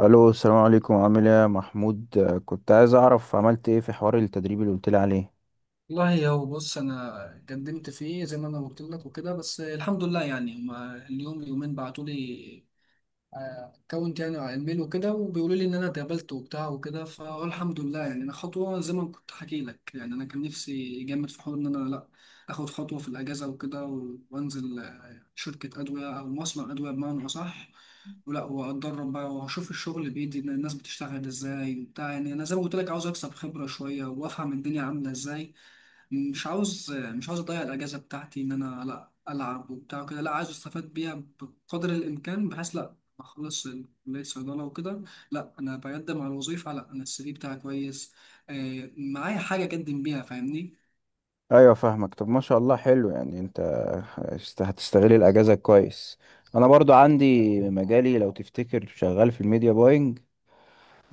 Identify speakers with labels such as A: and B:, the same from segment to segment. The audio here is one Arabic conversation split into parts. A: الو، السلام عليكم. عامل ايه يا محمود؟ كنت عايز اعرف عملت ايه في حوار التدريب اللي قلت لي عليه.
B: والله هو بص انا قدمت فيه زي ما انا قلت لك وكده، بس الحمد لله. يعني هما اليوم يومين بعتوا لي اكونت يعني على الميل وكده، وبيقولوا لي ان انا اتقبلت وبتاع وكده، فالحمد لله. يعني انا خطوه زي ما كنت حكي لك، يعني انا كان نفسي جامد في حوار ان انا لا اخد خطوه في الاجازه وكده و- وانزل شركه ادويه او مصنع ادويه بمعنى اصح. ولا واتدرب بقى واشوف الشغل بايدي ان الناس بتشتغل ازاي وبتاع. يعني انا زي ما قلت لك عاوز اكسب خبره شويه وافهم الدنيا عامله ازاي. مش عاوز اضيع الاجازه بتاعتي ان انا لا العب وبتاع كده، لا عايز استفاد بيها بقدر الامكان، بحيث لا اخلص كليه صيدله وكده لا انا بقدم على وظيفه، لا انا السي في بتاعي كويس، آه معايا حاجه اقدم بيها فاهمني.
A: ايوه فاهمك. طب ما شاء الله حلو. يعني انت هتستغل الاجازه كويس. انا برضو عندي مجالي لو تفتكر، شغال في الميديا باينج،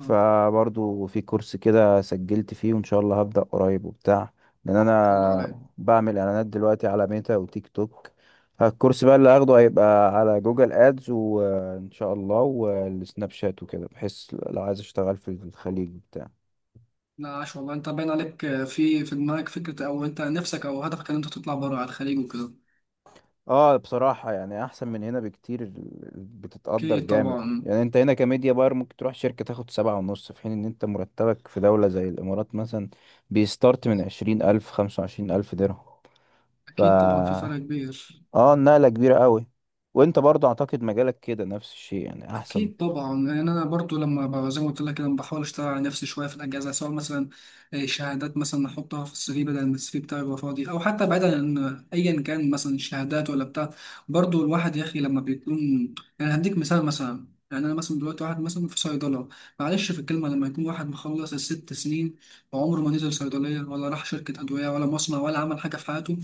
B: ان
A: في كورس كده سجلت فيه وان شاء الله هبدأ قريب وبتاع. لان
B: شاء الله
A: انا
B: عليك.
A: بعمل اعلانات دلوقتي على ميتا وتيك توك. الكورس بقى اللي هاخده هيبقى على جوجل ادز وان شاء الله والسناب شات وكده، بحيث لو عايز اشتغل في الخليج بتاع
B: لا عاش والله، انت باين عليك في دماغك فكره او انت نفسك او هدفك ان انت تطلع بره على الخليج وكده.
A: اه بصراحة يعني احسن من هنا بكتير. بتتقدر
B: اكيد
A: جامد.
B: طبعا.
A: يعني انت هنا كميديا باير ممكن تروح شركة تاخد 7.5، في حين ان انت مرتبك في دولة زي الامارات مثلا بيستارت من 20 الف، 25 الف درهم. ف
B: اكيد طبعا، في فرق كبير.
A: اه النقلة كبيرة قوي. وانت برضه اعتقد مجالك كده نفس الشيء يعني احسن.
B: أكيد طبعا. يعني أنا برضو لما زي ما قلت لك كده بحاول أشتغل على نفسي شوية في الأجازة، سواء مثلا شهادات مثلا أحطها في السي في بدل ما السي في بتاعي يبقى فاضي، أو حتى بعيدا عن أيا كان مثلا الشهادات ولا بتاع. برضو الواحد يا أخي لما بيكون، يعني هديك مثال. مثلا يعني أنا مثلا دلوقتي واحد مثلا في صيدلة، معلش في الكلمة، لما يكون واحد مخلص الست سنين وعمره ما نزل صيدلية ولا راح شركة أدوية ولا مصنع ولا عمل حاجة في حياته،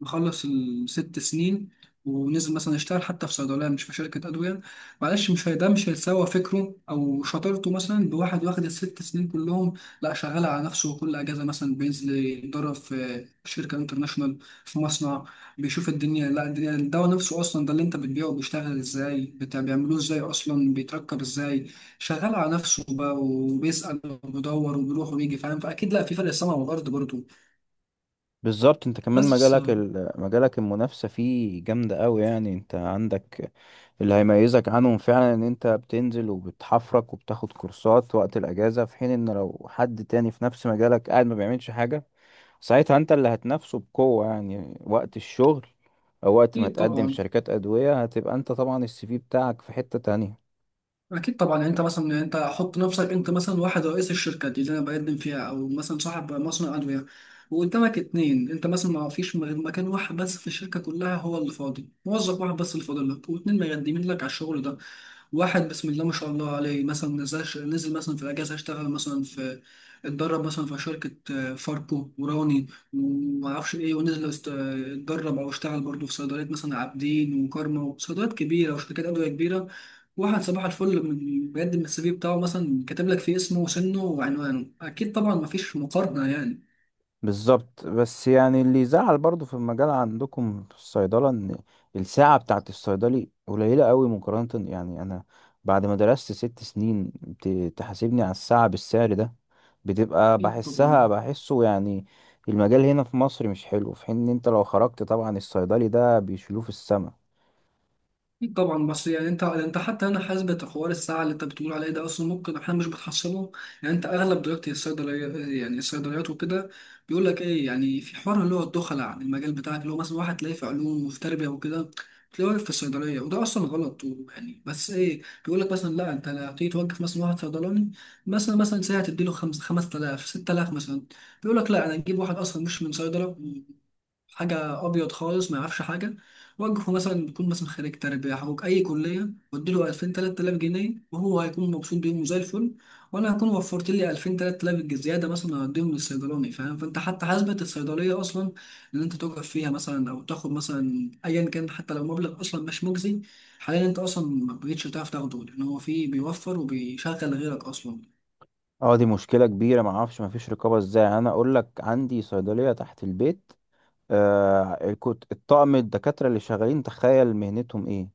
B: مخلص الست سنين، ونزل مثلا يشتغل حتى في صيدلية مش في شركة أدوية، معلش مش هي- ده مش هيساوى فكره او شطارته مثلا بواحد واخد الست سنين كلهم، لا شغال على نفسه وكل اجازه مثلا بينزل يتدرب في شركه انترناشونال، في مصنع، بيشوف الدنيا، لا الدنيا الدواء نفسه اصلا، ده اللي انت بتبيعه بيشتغل ازاي بتاع بيعملوه ازاي، اصلا بيتركب ازاي، شغال على نفسه بقى وبيسال وبيدور وبيروح وبيجي فاهم، فاكيد لا، في فرق السما والارض برضه.
A: بالظبط. انت كمان
B: بس،
A: مجالك المنافسة فيه جامدة قوي. يعني انت عندك اللي هيميزك عنهم فعلا، ان انت بتنزل وبتحفرك وبتاخد كورسات وقت الاجازة، في حين ان لو حد تاني في نفس مجالك قاعد ما بيعملش حاجة. ساعتها انت اللي هتنافسه بقوة يعني وقت الشغل، او وقت ما
B: اكيد
A: تقدم في
B: طبعا.
A: شركات ادوية هتبقى انت طبعا السي في بتاعك في حتة تانية.
B: اكيد طبعا، يعني انت مثلا، يعني انت حط نفسك انت مثلا واحد رئيس الشركه دي اللي انا بقدم فيها او مثلا صاحب مصنع ادويه، وقدامك اتنين، انت مثلا ما فيش غير مكان واحد بس في الشركه كلها هو اللي فاضي، موظف واحد بس اللي فاضل لك واتنين مقدمين لك على الشغل ده. واحد بسم الله ما شاء الله عليه مثلا نزل مثلا في الاجازه اشتغل مثلا في، اتدرب مثلا في شركه فاركو وراني وما اعرفش ايه، ونزل اتدرب او اشتغل برضه في صيدليات مثلا عابدين وكارما وصيدليات كبيره وشركات ادويه كبيره. واحد صباح الفل من بيقدم السي في بتاعه مثلا كاتب لك فيه اسمه وسنه وعنوانه، اكيد طبعا مفيش مقارنة يعني.
A: بالظبط. بس يعني اللي يزعل برضو في المجال عندكم في الصيدلة، ان الساعة بتاعت الصيدلي قليلة قوي مقارنة. يعني انا بعد ما درست 6 سنين، تحاسبني على الساعة بالسعر ده، بتبقى
B: اكيد طبعا.
A: بحسه يعني. المجال هنا في مصر مش حلو، في حين ان انت لو خرجت طبعا الصيدلي ده بيشيلوه في السما.
B: أكيد طبعا، بس يعني، انت حتى انا حاسبة حوار الساعه اللي انت بتقول عليه ده اصلا ممكن احنا مش بنحصله. يعني انت اغلب دلوقتي الصيدليه، يعني الصيدليات وكده بيقول لك ايه، يعني في حوار اللي هو الدخلاء عن المجال بتاعك، اللي هو مثلا واحد تلاقيه في علوم وفي تربيه وكده تلاقيه واقف في الصيدليه، وده اصلا غلط. يعني بس ايه، بيقول لك مثلا لا انت هتيجي توقف مثلا واحد صيدلاني مثلا ساعه تديله خمس 5000 6000 مثلا، بيقول لك لا انا اجيب واحد اصلا مش من صيدله، حاجه ابيض خالص ما يعرفش حاجه، وجهه مثلا بيكون مثلا خريج تربيه او اي كليه واديله 2000 3000 جنيه، وهو هيكون مبسوط بيهم زي الفل، وانا هكون وفرت لي 2000 3000 زياده مثلا هديهم للصيدلاني فاهم، فانت حتى حاسبه الصيدليه اصلا اللي انت تقف فيها مثلا او تاخد مثلا ايا كان، حتى لو مبلغ اصلا مش مجزي حاليا انت اصلا ما بقتش تعرف تاخده، لان هو فيه بيوفر وبيشغل غيرك اصلا.
A: اه دي مشكلة كبيرة. معرفش مفيش رقابة ازاي. يعني انا اقول لك عندي صيدلية تحت البيت، كنت الطاقم الدكاترة اللي شغالين، تخيل مهنتهم ايه؟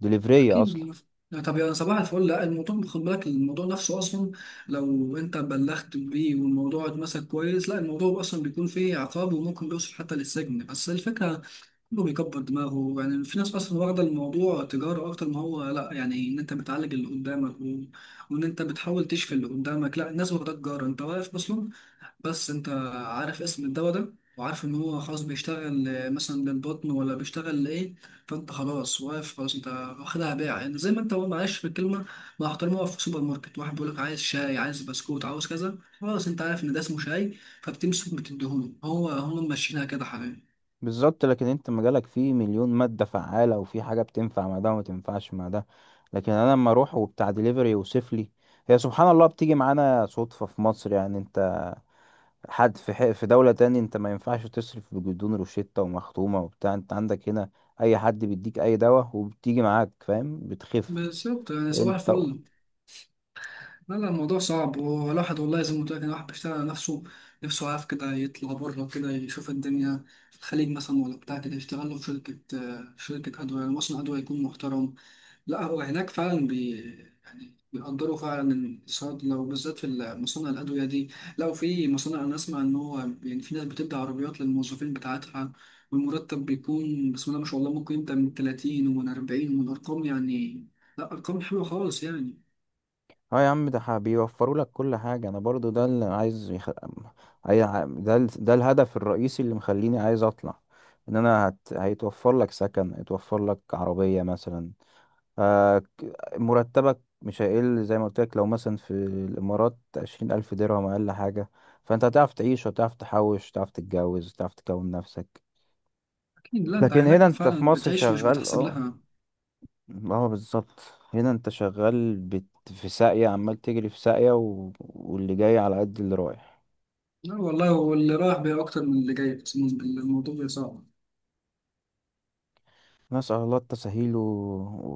A: دليفرية
B: اكيد
A: اصلا.
B: لا طب يا صباح الفل، لا الموضوع، خد بالك الموضوع نفسه اصلا لو انت بلغت بيه والموضوع اتمسك كويس، لا الموضوع اصلا بيكون فيه عقاب وممكن بيوصل حتى للسجن، بس الفكره كله بيكبر دماغه. يعني في ناس اصلا واخده الموضوع تجاره اكتر، ما هو لا يعني ان انت بتعالج اللي قدامك وان انت بتحاول تشفي اللي قدامك، لا الناس واخده تجاره، انت واقف اصلا بس انت عارف اسم الدواء ده وعارف ان هو خلاص بيشتغل مثلا للبطن ولا بيشتغل لايه، فانت خلاص واقف، خلاص انت واخدها بيع، يعني زي ما انت، هو معلش في الكلمه مع احترامي، واقف في السوبر ماركت، واحد بيقول لك عايز شاي عايز بسكوت عاوز كذا، خلاص انت عارف ان ده اسمه شاي فبتمسك بتديهوله، هو هم ماشيينها كده حبيبي.
A: بالظبط. لكن انت مجالك فيه مليون مادة فعالة وفي حاجة بتنفع مع ده وما تنفعش مع ده. لكن انا لما اروح وبتاع دليفري يوصف لي، هي سبحان الله بتيجي معانا صدفة في مصر. يعني انت حد في حق في دولة تاني انت ما ينفعش تصرف بجدون روشتة ومختومة وبتاع. انت عندك هنا اي حد بيديك اي دواء وبتيجي معاك، فاهم، بتخف
B: بالظبط يعني صباح
A: انت.
B: الفل. لا لا الموضوع صعب، والواحد والله زي ما قلت لك إن الواحد بيشتغل على نفسه، نفسه عارف كده يطلع بره كده يشوف الدنيا في الخليج مثلا ولا بتاع كده، يشتغل له في شركة في شركة أدوية، يعني مصنع أدوية يكون محترم، لا هو هناك فعلا يعني بيقدروا فعلا الصيدلة وبالذات في مصانع الأدوية دي، لو في مصانع أنا أسمع إن هو يعني في ناس بتدي عربيات للموظفين بتاعتها، والمرتب بيكون بسم الله ما شاء الله ممكن يبدأ من 30 ومن 40 ومن أرقام، يعني لا أرقام حلوة خالص يعني.
A: اه يا عم ده بيوفروا لك كل حاجة. انا برضو ده اللي عايز يخ... أي... ع- ده ال... ده الهدف الرئيسي اللي مخليني عايز اطلع. ان انا هيتوفر لك سكن، هيتوفر لك عربية مثلا، آه... مرتبك مش هيقل. زي ما قلت لك، لو مثلا في الامارات 20 الف درهم اقل حاجة، فانت هتعرف تعيش وتعرف تحوش وتعرف تتجوز وتعرف تكون نفسك.
B: أكيد، لا أنت
A: لكن هنا
B: هناك
A: انت في
B: فعلا
A: مصر
B: بتعيش مش
A: شغال،
B: بتحسب
A: اه.
B: لها.
A: اه بالظبط. هنا انت في ساقية، عمال تجري في واللي جاي على قد اللي رايح.
B: لا والله واللي رايح بيه أكتر من اللي جاي، أقسم بالله الموضوع بيبقى صعب.
A: نسأل الله التسهيل.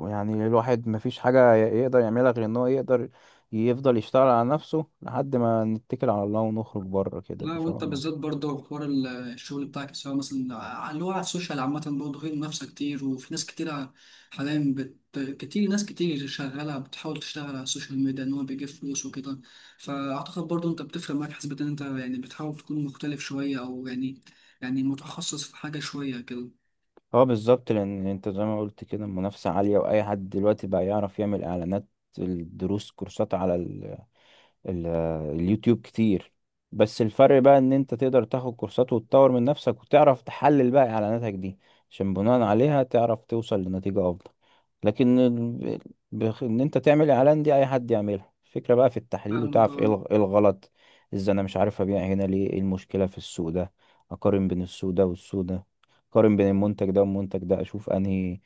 A: ويعني الواحد مفيش حاجة يقدر يعملها غير ان هو يقدر يفضل يشتغل على نفسه، لحد ما نتكل على الله ونخرج بره كده
B: لا
A: ان شاء
B: وأنت
A: الله.
B: بالذات برضه حوار الشغل بتاعك سواء مثلا اللي هو على السوشيال عامة، برضه هي منافسة كتير وفي ناس كتير حاليا بت... شغالة بتحاول تشتغل على السوشيال ميديا إن هو بيجيب فلوس وكده. فأعتقد برضه أنت بتفرق معاك حسب إن أنت يعني بتحاول تكون مختلف شوية أو يعني، يعني متخصص في حاجة شوية كده.
A: اه بالظبط. لان انت زي ما قلت كده المنافسة عالية، واي حد دلوقتي بقى يعرف يعمل اعلانات. الدروس كورسات على ال- اليوتيوب كتير. بس الفرق بقى ان انت تقدر تاخد كورسات وتطور من نفسك وتعرف تحلل بقى اعلاناتك دي، عشان بناء عليها تعرف توصل لنتيجة افضل. لكن ان انت تعمل اعلان دي اي حد يعملها. الفكرة بقى في التحليل،
B: فاهمك
A: وتعرف ايه
B: آه.
A: إيه الغلط ازاي، انا مش عارف ابيع هنا ليه، ايه المشكلة في السوق ده. اقارن بين السوق ده والسوق ده، اقارن بين المنتج ده والمنتج ده، اشوف انهي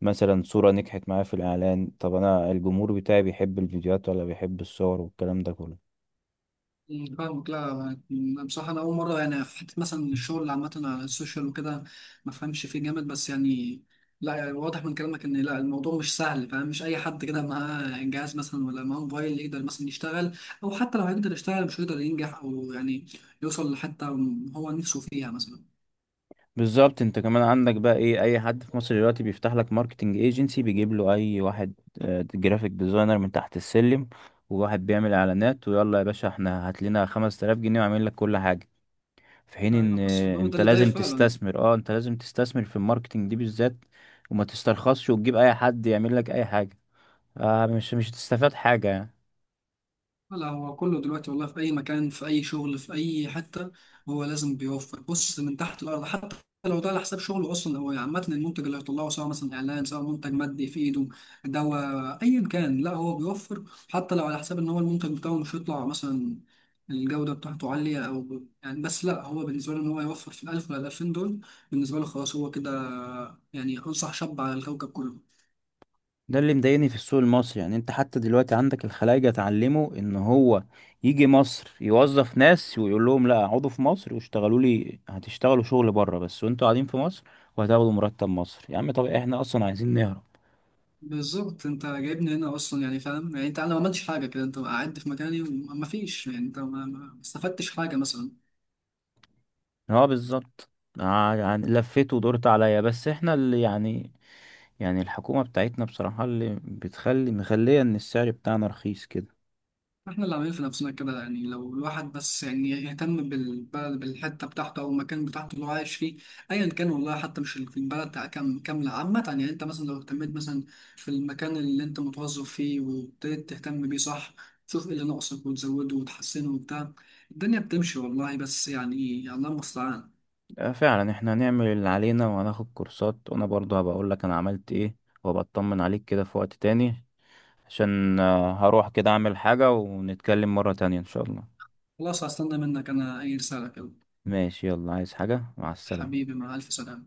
A: مثلا صورة نجحت معايا في الاعلان. طب انا الجمهور بتاعي بيحب الفيديوهات ولا بيحب الصور والكلام ده كله.
B: فاهمك لا. بصراحة أنا أول مرة يعني في حتة مثلا الشغل عامة على السوشيال وكده، ما فهمش فيه جامد بس يعني. لا يعني واضح من كلامك إن لا الموضوع مش سهل فاهم، مش أي حد كده معاه جهاز مثلا ولا معاه موبايل يقدر مثلا يشتغل، أو حتى لو هيقدر يشتغل مش هيقدر ينجح أو يعني، يوصل لحتة هو نفسه فيها مثلا.
A: بالظبط. انت كمان عندك بقى ايه، اي حد في مصر دلوقتي بيفتح لك ماركتنج ايجنسي بيجيب له اي واحد جرافيك ديزاينر من تحت السلم، وواحد بيعمل اعلانات، ويلا يا باشا احنا هات لنا 5000 جنيه وعامل لك كل حاجه. في حين ان
B: يعني حاسس إن هو ده
A: انت
B: اللي داير
A: لازم
B: فعلا.
A: تستثمر، اه انت لازم تستثمر في الماركتنج دي بالذات، وما تسترخصش وتجيب اي حد يعمل لك اي حاجه. آه مش هتستفاد حاجه يعني.
B: لا هو كله دلوقتي والله في أي مكان في أي شغل في أي حتة، هو لازم بيوفر، بص من تحت الأرض حتى لو ده على حساب شغله أصلا، هو عامة المنتج اللي هيطلعه سواء مثلا إعلان سواء منتج مادي في إيده، دواء أيا كان، لا هو بيوفر حتى لو على حساب إن هو المنتج بتاعه مش هيطلع مثلا الجودة بتاعته عالية أو يعني، بس لا هو بالنسبة له إن هو يوفر في الألف ولا الألفين دول، بالنسبة له خلاص هو كده يعني، أنصح شاب على الكوكب كله.
A: ده اللي مضايقني في السوق المصري. يعني انت حتى دلوقتي عندك الخلايجة اتعلموا ان هو يجي مصر يوظف ناس ويقول لهم لا اقعدوا في مصر واشتغلوا لي، هتشتغلوا شغل بره بس وانتوا قاعدين في مصر، وهتاخدوا مرتب مصر. يا عم طب احنا اصلا عايزين نهرب.
B: بالظبط، انت جايبني هنا اصلا، يعني فاهم، يعني انت انا ما عملتش حاجه كده انت قعدت في مكاني وما فيش، يعني انت ما استفدتش حاجه مثلا.
A: اه بالظبط. آه يعني لفيت ودورت عليا، بس احنا اللي يعني، يعني الحكومة بتاعتنا بصراحة اللي بتخلي مخلية ان السعر بتاعنا رخيص كده.
B: احنا اللي عاملين في نفسنا كده، يعني لو الواحد بس يعني يهتم بالبلد بالحته بتاعته او المكان بتاعته اللي هو عايش فيه ايا كان، والله حتى مش في البلد كامله عامه، يعني انت مثلا لو اهتميت مثلا في المكان اللي انت متوظف فيه وابتديت تهتم بيه صح، تشوف ايه اللي ناقصك وتزوده وتحسنه وبتاع. الدنيا بتمشي والله، بس يعني الله المستعان.
A: فعلا احنا هنعمل اللي علينا وهناخد كورسات، وانا برضه هبقى اقول لك انا عملت ايه، وابقى اطمن عليك كده في وقت تاني، عشان هروح كده اعمل حاجة، ونتكلم مرة تانية ان شاء الله.
B: خلاص هستنى منك انا اي رساله كده.
A: ماشي يلا، عايز حاجة؟ مع السلامة.
B: حبيبي مع ألف سلامة.